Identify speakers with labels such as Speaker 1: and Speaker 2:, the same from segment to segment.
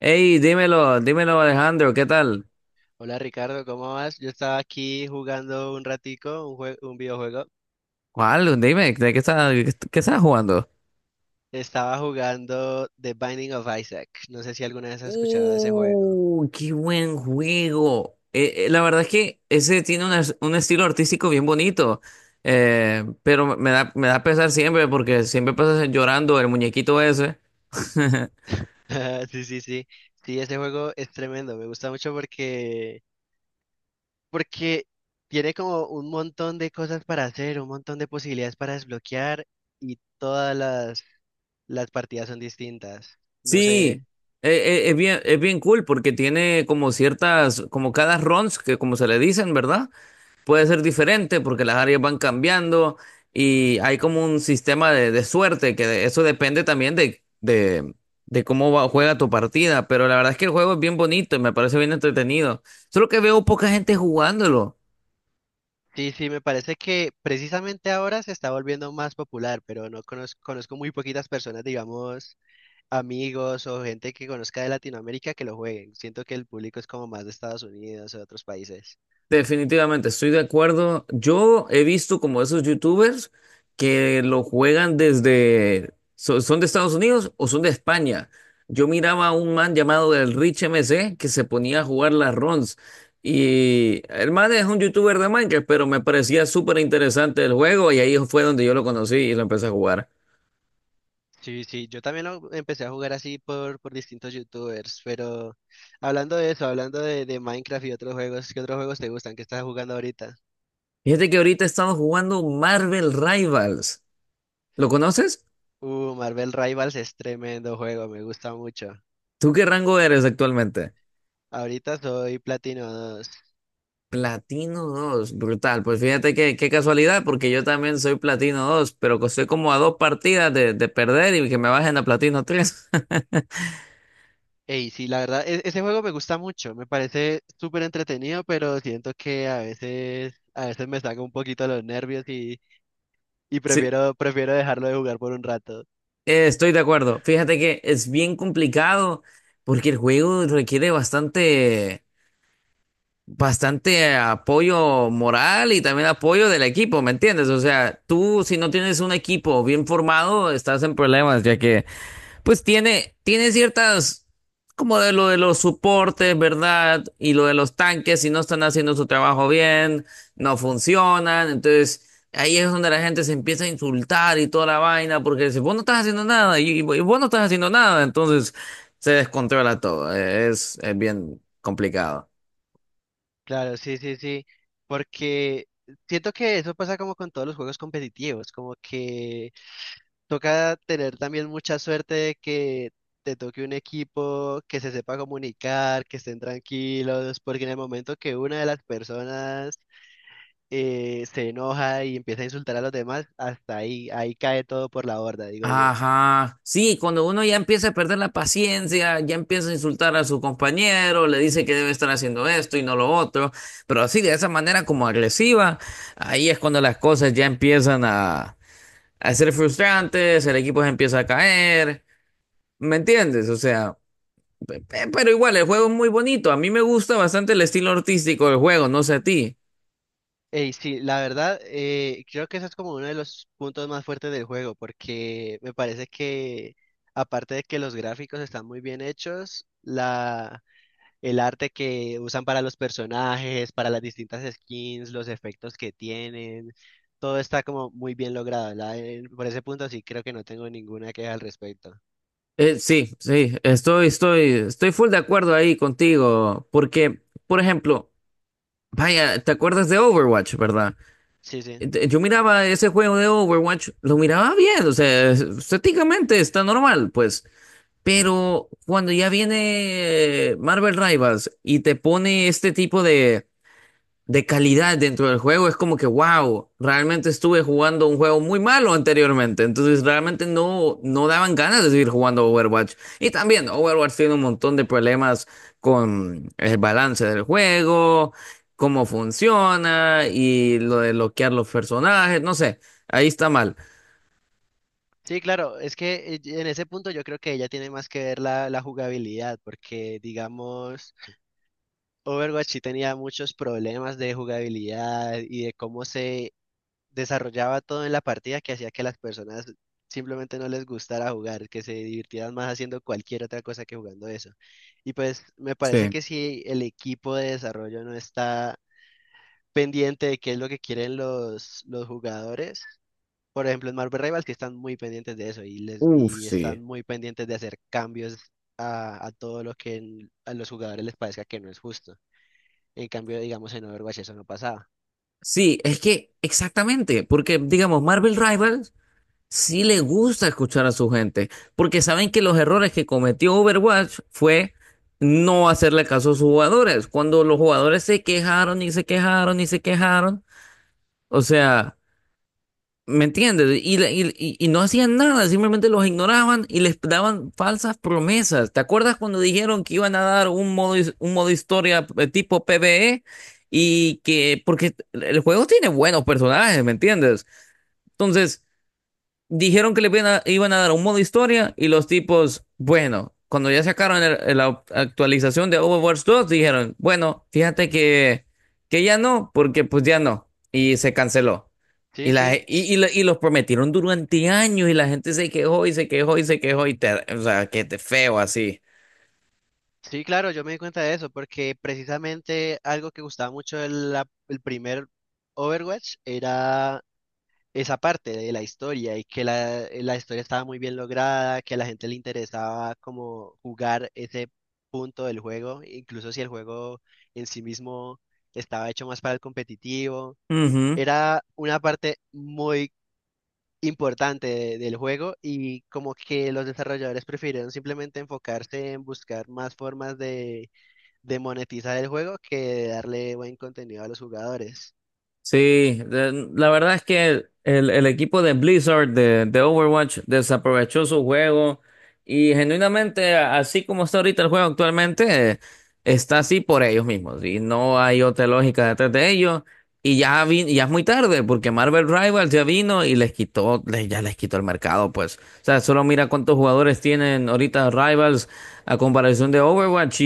Speaker 1: Hey, dímelo, dímelo Alejandro, ¿qué tal?
Speaker 2: Hola Ricardo, ¿cómo vas? Yo estaba aquí jugando un ratico, un videojuego.
Speaker 1: ¿Cuál? Dime, ¿qué estás jugando?
Speaker 2: Estaba jugando The Binding of Isaac. No sé si alguna vez has escuchado de ese juego.
Speaker 1: Qué buen juego. La verdad es que ese tiene un estilo artístico bien bonito. Pero me da pesar siempre porque siempre pasas llorando el muñequito ese.
Speaker 2: Sí, sí, sí. Sí, ese juego es tremendo. Me gusta mucho porque tiene como un montón de cosas para hacer, un montón de posibilidades para desbloquear y las partidas son distintas. No
Speaker 1: Sí,
Speaker 2: sé.
Speaker 1: eh, es bien cool porque tiene como ciertas, como cada runs que como se le dicen, ¿verdad? Puede ser diferente porque las áreas van cambiando y hay como un sistema de suerte que eso depende también de cómo juega tu partida. Pero la verdad es que el juego es bien bonito y me parece bien entretenido. Solo que veo poca gente jugándolo.
Speaker 2: Sí, sí, me parece que precisamente ahora se está volviendo más popular, pero no conozco, conozco muy poquitas personas, digamos, amigos o gente que conozca de Latinoamérica que lo jueguen. Siento que el público es como más de Estados Unidos o de otros países.
Speaker 1: Definitivamente, estoy de acuerdo. Yo he visto como esos youtubers que lo juegan desde... ¿Son de Estados Unidos o son de España? Yo miraba a un man llamado el Rich MC que se ponía a jugar las runs. Y el man es un youtuber de Minecraft, pero me parecía súper interesante el juego y ahí fue donde yo lo conocí y lo empecé a jugar.
Speaker 2: Sí, sí, yo también lo empecé a jugar así por distintos youtubers, pero hablando de eso, de Minecraft y otros juegos, ¿qué otros juegos te gustan? ¿Qué estás jugando ahorita?
Speaker 1: Fíjate que ahorita he estado jugando Marvel Rivals. ¿Lo conoces?
Speaker 2: Marvel Rivals es tremendo juego, me gusta mucho.
Speaker 1: ¿Tú qué rango eres actualmente?
Speaker 2: Ahorita soy Platino 2.
Speaker 1: Platino 2, brutal. Pues fíjate que, qué casualidad, porque yo también soy Platino 2, pero que estoy como a dos partidas de perder y que me bajen a Platino tres.
Speaker 2: Ey, sí, la verdad, ese juego me gusta mucho, me parece súper entretenido, pero siento que a veces me saca un poquito los nervios y,
Speaker 1: Sí,
Speaker 2: prefiero dejarlo de jugar por un rato.
Speaker 1: estoy de acuerdo. Fíjate que es bien complicado porque el juego requiere bastante apoyo moral y también apoyo del equipo, ¿me entiendes? O sea, tú si no tienes un equipo bien formado, estás en problemas, ya que pues tiene ciertas, como de lo de los soportes, ¿verdad? Y lo de los tanques, si no están haciendo su trabajo bien, no funcionan. Entonces, ahí es donde la gente se empieza a insultar y toda la vaina, porque dice, vos no estás haciendo nada, y vos no estás haciendo nada. Entonces, se descontrola todo. Es bien complicado.
Speaker 2: Claro, sí, sí, sí, porque siento que eso pasa como con todos los juegos competitivos, como que toca tener también mucha suerte de que te toque un equipo que se sepa comunicar, que estén tranquilos, porque en el momento que una de las personas se enoja y empieza a insultar a los demás, hasta ahí, ahí cae todo por la borda, digo yo.
Speaker 1: Ajá, sí, cuando uno ya empieza a perder la paciencia, ya empieza a insultar a su compañero, le dice que debe estar haciendo esto y no lo otro, pero así de esa manera como agresiva, ahí es cuando las cosas ya empiezan a ser frustrantes, el equipo se empieza a caer, ¿me entiendes? O sea, pero igual el juego es muy bonito, a mí me gusta bastante el estilo artístico del juego, no sé a ti.
Speaker 2: Ey, sí, la verdad, creo que eso es como uno de los puntos más fuertes del juego, porque me parece que, aparte de que los gráficos están muy bien hechos, el arte que usan para los personajes, para las distintas skins, los efectos que tienen, todo está como muy bien logrado, por ese punto sí creo que no tengo ninguna queja al respecto.
Speaker 1: Sí, sí, estoy full de acuerdo ahí contigo, porque, por ejemplo, vaya, ¿te acuerdas de Overwatch, verdad?
Speaker 2: Sí, sí.
Speaker 1: Yo miraba ese juego de Overwatch, lo miraba bien, o sea, estéticamente está normal, pues. Pero cuando ya viene Marvel Rivals y te pone este tipo de calidad dentro del juego, es como que, wow, realmente estuve jugando un juego muy malo anteriormente, entonces realmente no, no daban ganas de seguir jugando Overwatch. Y también Overwatch tiene un montón de problemas con el balance del juego, cómo funciona y lo de bloquear los personajes, no sé, ahí está mal.
Speaker 2: Sí, claro, es que en ese punto yo creo que ella tiene más que ver la jugabilidad, porque digamos, Overwatch sí tenía muchos problemas de jugabilidad y de cómo se desarrollaba todo en la partida que hacía que las personas simplemente no les gustara jugar, que se divirtieran más haciendo cualquier otra cosa que jugando eso. Y pues me parece
Speaker 1: Sí.
Speaker 2: que si el equipo de desarrollo no está pendiente de qué es lo que quieren los jugadores, por ejemplo, en Marvel Rivals que están muy pendientes de eso y,
Speaker 1: Uf,
Speaker 2: y
Speaker 1: sí.
Speaker 2: están muy pendientes de hacer cambios a todo lo que a los jugadores les parezca que no es justo. En cambio, digamos, en Overwatch eso no pasaba.
Speaker 1: Sí, es que exactamente, porque digamos, Marvel Rivals sí le gusta escuchar a su gente, porque saben que los errores que cometió Overwatch fue no hacerle caso a sus jugadores. Cuando los jugadores se quejaron y se quejaron y se quejaron, o sea, ¿me entiendes? Y no hacían nada, simplemente los ignoraban y les daban falsas promesas. ¿Te acuerdas cuando dijeron que iban a dar un modo, un modo historia tipo PvE? Y que, porque el juego tiene buenos personajes, ¿me entiendes? Entonces, dijeron que le iban iban a dar un modo historia y los tipos, bueno, cuando ya sacaron la actualización de Overwatch 2, dijeron, bueno, fíjate que ya no, porque pues ya no, y se canceló. Y,
Speaker 2: Sí,
Speaker 1: la,
Speaker 2: sí,
Speaker 1: y,
Speaker 2: s-
Speaker 1: y la- y los prometieron durante años y la gente se quejó y se quejó y se quejó y te, o sea, que te feo así.
Speaker 2: sí, claro, yo me di cuenta de eso, porque precisamente algo que gustaba mucho el primer Overwatch era esa parte de la historia y que la historia estaba muy bien lograda, que a la gente le interesaba como jugar ese punto del juego, incluso si el juego en sí mismo estaba hecho más para el competitivo,
Speaker 1: Ujú.
Speaker 2: era una parte muy importante del juego y como que los desarrolladores prefirieron simplemente enfocarse en buscar más formas de monetizar el juego que de darle buen contenido a los jugadores.
Speaker 1: Sí, la verdad es que el equipo de Blizzard de Overwatch desaprovechó su juego y genuinamente, así como está ahorita el juego actualmente, está así por ellos mismos y no hay otra lógica detrás de ellos. Y ya, ya es muy tarde porque Marvel Rivals ya vino y les quitó, ya les quitó el mercado, pues. O sea, solo mira cuántos jugadores tienen ahorita Rivals a comparación de Overwatch,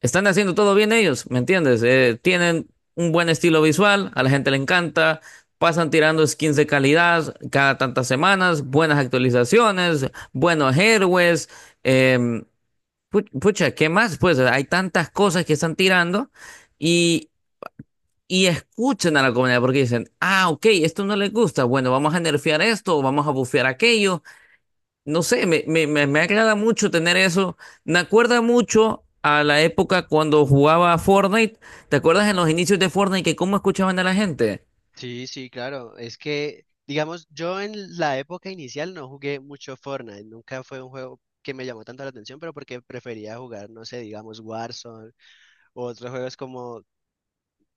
Speaker 1: están haciendo todo bien ellos, ¿me entiendes? Tienen un buen estilo visual, a la gente le encanta, pasan tirando skins de calidad cada tantas semanas, buenas actualizaciones, buenos héroes, em, pucha, ¿qué más? Pues hay tantas cosas que están tirando y, y escuchan a la comunidad porque dicen, ah, ok, esto no les gusta, bueno, vamos a nerfear esto, o vamos a bufear aquello, no sé, me agrada mucho tener eso. Me acuerda mucho a la época cuando jugaba a Fortnite. ¿Te acuerdas en los inicios de Fortnite que cómo escuchaban a la gente?
Speaker 2: Sí, sí, claro. Es que, digamos, yo en la época inicial no jugué mucho Fortnite. Nunca fue un juego que me llamó tanto la atención, pero porque prefería jugar, no sé, digamos, Warzone o otros juegos como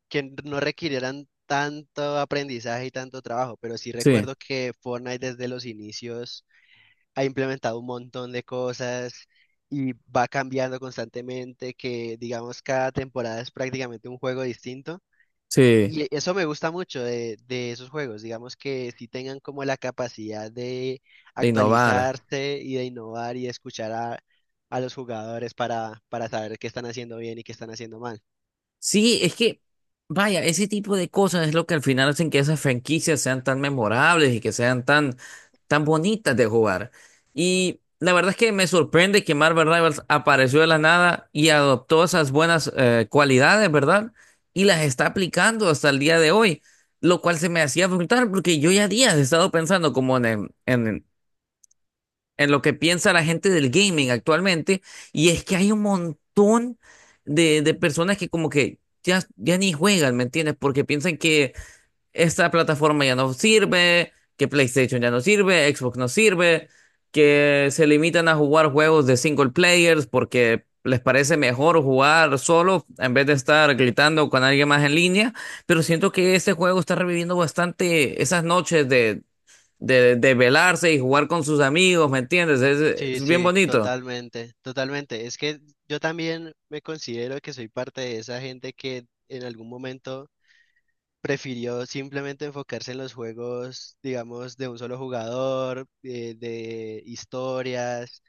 Speaker 2: que no requirieran tanto aprendizaje y tanto trabajo. Pero sí
Speaker 1: Sí,
Speaker 2: recuerdo que Fortnite desde los inicios ha implementado un montón de cosas y va cambiando constantemente, que digamos cada temporada es prácticamente un juego distinto.
Speaker 1: sí,
Speaker 2: Y eso me gusta mucho de esos juegos, digamos que sí tengan como la capacidad de
Speaker 1: de innovar.
Speaker 2: actualizarse y de innovar y de escuchar a los jugadores para saber qué están haciendo bien y qué están haciendo mal.
Speaker 1: Sí, es que, vaya, ese tipo de cosas es lo que al final hacen que esas franquicias sean tan memorables y que sean tan, tan bonitas de jugar. Y la verdad es que me sorprende que Marvel Rivals apareció de la nada y adoptó esas buenas cualidades, ¿verdad? Y las está aplicando hasta el día de hoy, lo cual se me hacía brutal porque yo ya días he estado pensando como en lo que piensa la gente del gaming actualmente, y es que hay un montón de personas que como que ya, ya ni juegan, ¿me entiendes? Porque piensan que esta plataforma ya no sirve, que PlayStation ya no sirve, Xbox no sirve, que se limitan a jugar juegos de single players porque les parece mejor jugar solo en vez de estar gritando con alguien más en línea, pero siento que este juego está reviviendo bastante esas noches de velarse y jugar con sus amigos, ¿me entiendes?
Speaker 2: Sí,
Speaker 1: Es bien
Speaker 2: sí,
Speaker 1: bonito.
Speaker 2: totalmente, totalmente. Es que yo también me considero que soy parte de esa gente que en algún momento prefirió simplemente enfocarse en los juegos, digamos, de un solo jugador, de historias.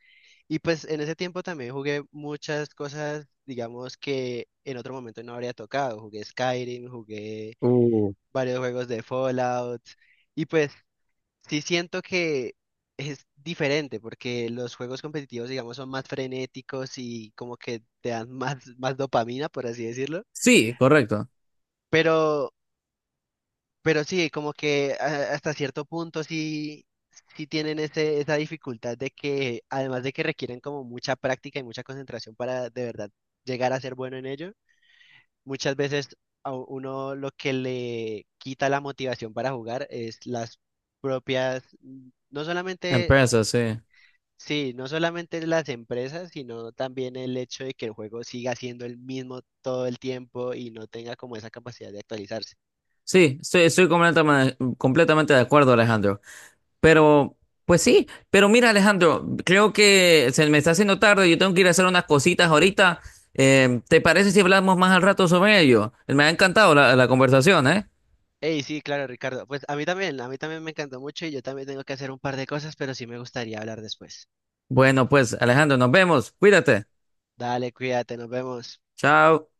Speaker 2: Y pues en ese tiempo también jugué muchas cosas, digamos que en otro momento no habría tocado. Jugué Skyrim, jugué
Speaker 1: Uh,
Speaker 2: varios juegos de Fallout. Y pues sí siento que es diferente porque los juegos competitivos, digamos, son más frenéticos y como que te dan más dopamina, por así decirlo.
Speaker 1: Sí, correcto.
Speaker 2: Pero Pero sí, como que hasta cierto punto sí, sí tienen ese, esa dificultad de que, además de que requieren como mucha práctica y mucha concentración para de verdad llegar a ser bueno en ello, muchas veces a uno lo que le quita la motivación para jugar es las propias, no solamente,
Speaker 1: Empresa, sí.
Speaker 2: sí, no solamente las empresas, sino también el hecho de que el juego siga siendo el mismo todo el tiempo y no tenga como esa capacidad de actualizarse.
Speaker 1: Sí, estoy completamente, completamente de acuerdo, Alejandro. Pero, pues sí, pero mira, Alejandro, creo que se me está haciendo tarde, yo tengo que ir a hacer unas cositas ahorita. ¿Te parece si hablamos más al rato sobre ello? Me ha encantado la conversación, ¿eh?
Speaker 2: Ey, sí, claro, Ricardo. Pues a mí también me encantó mucho y yo también tengo que hacer un par de cosas, pero sí me gustaría hablar después.
Speaker 1: Bueno, pues, Alejandro, nos vemos. Cuídate.
Speaker 2: Dale, cuídate, nos vemos.
Speaker 1: Chao.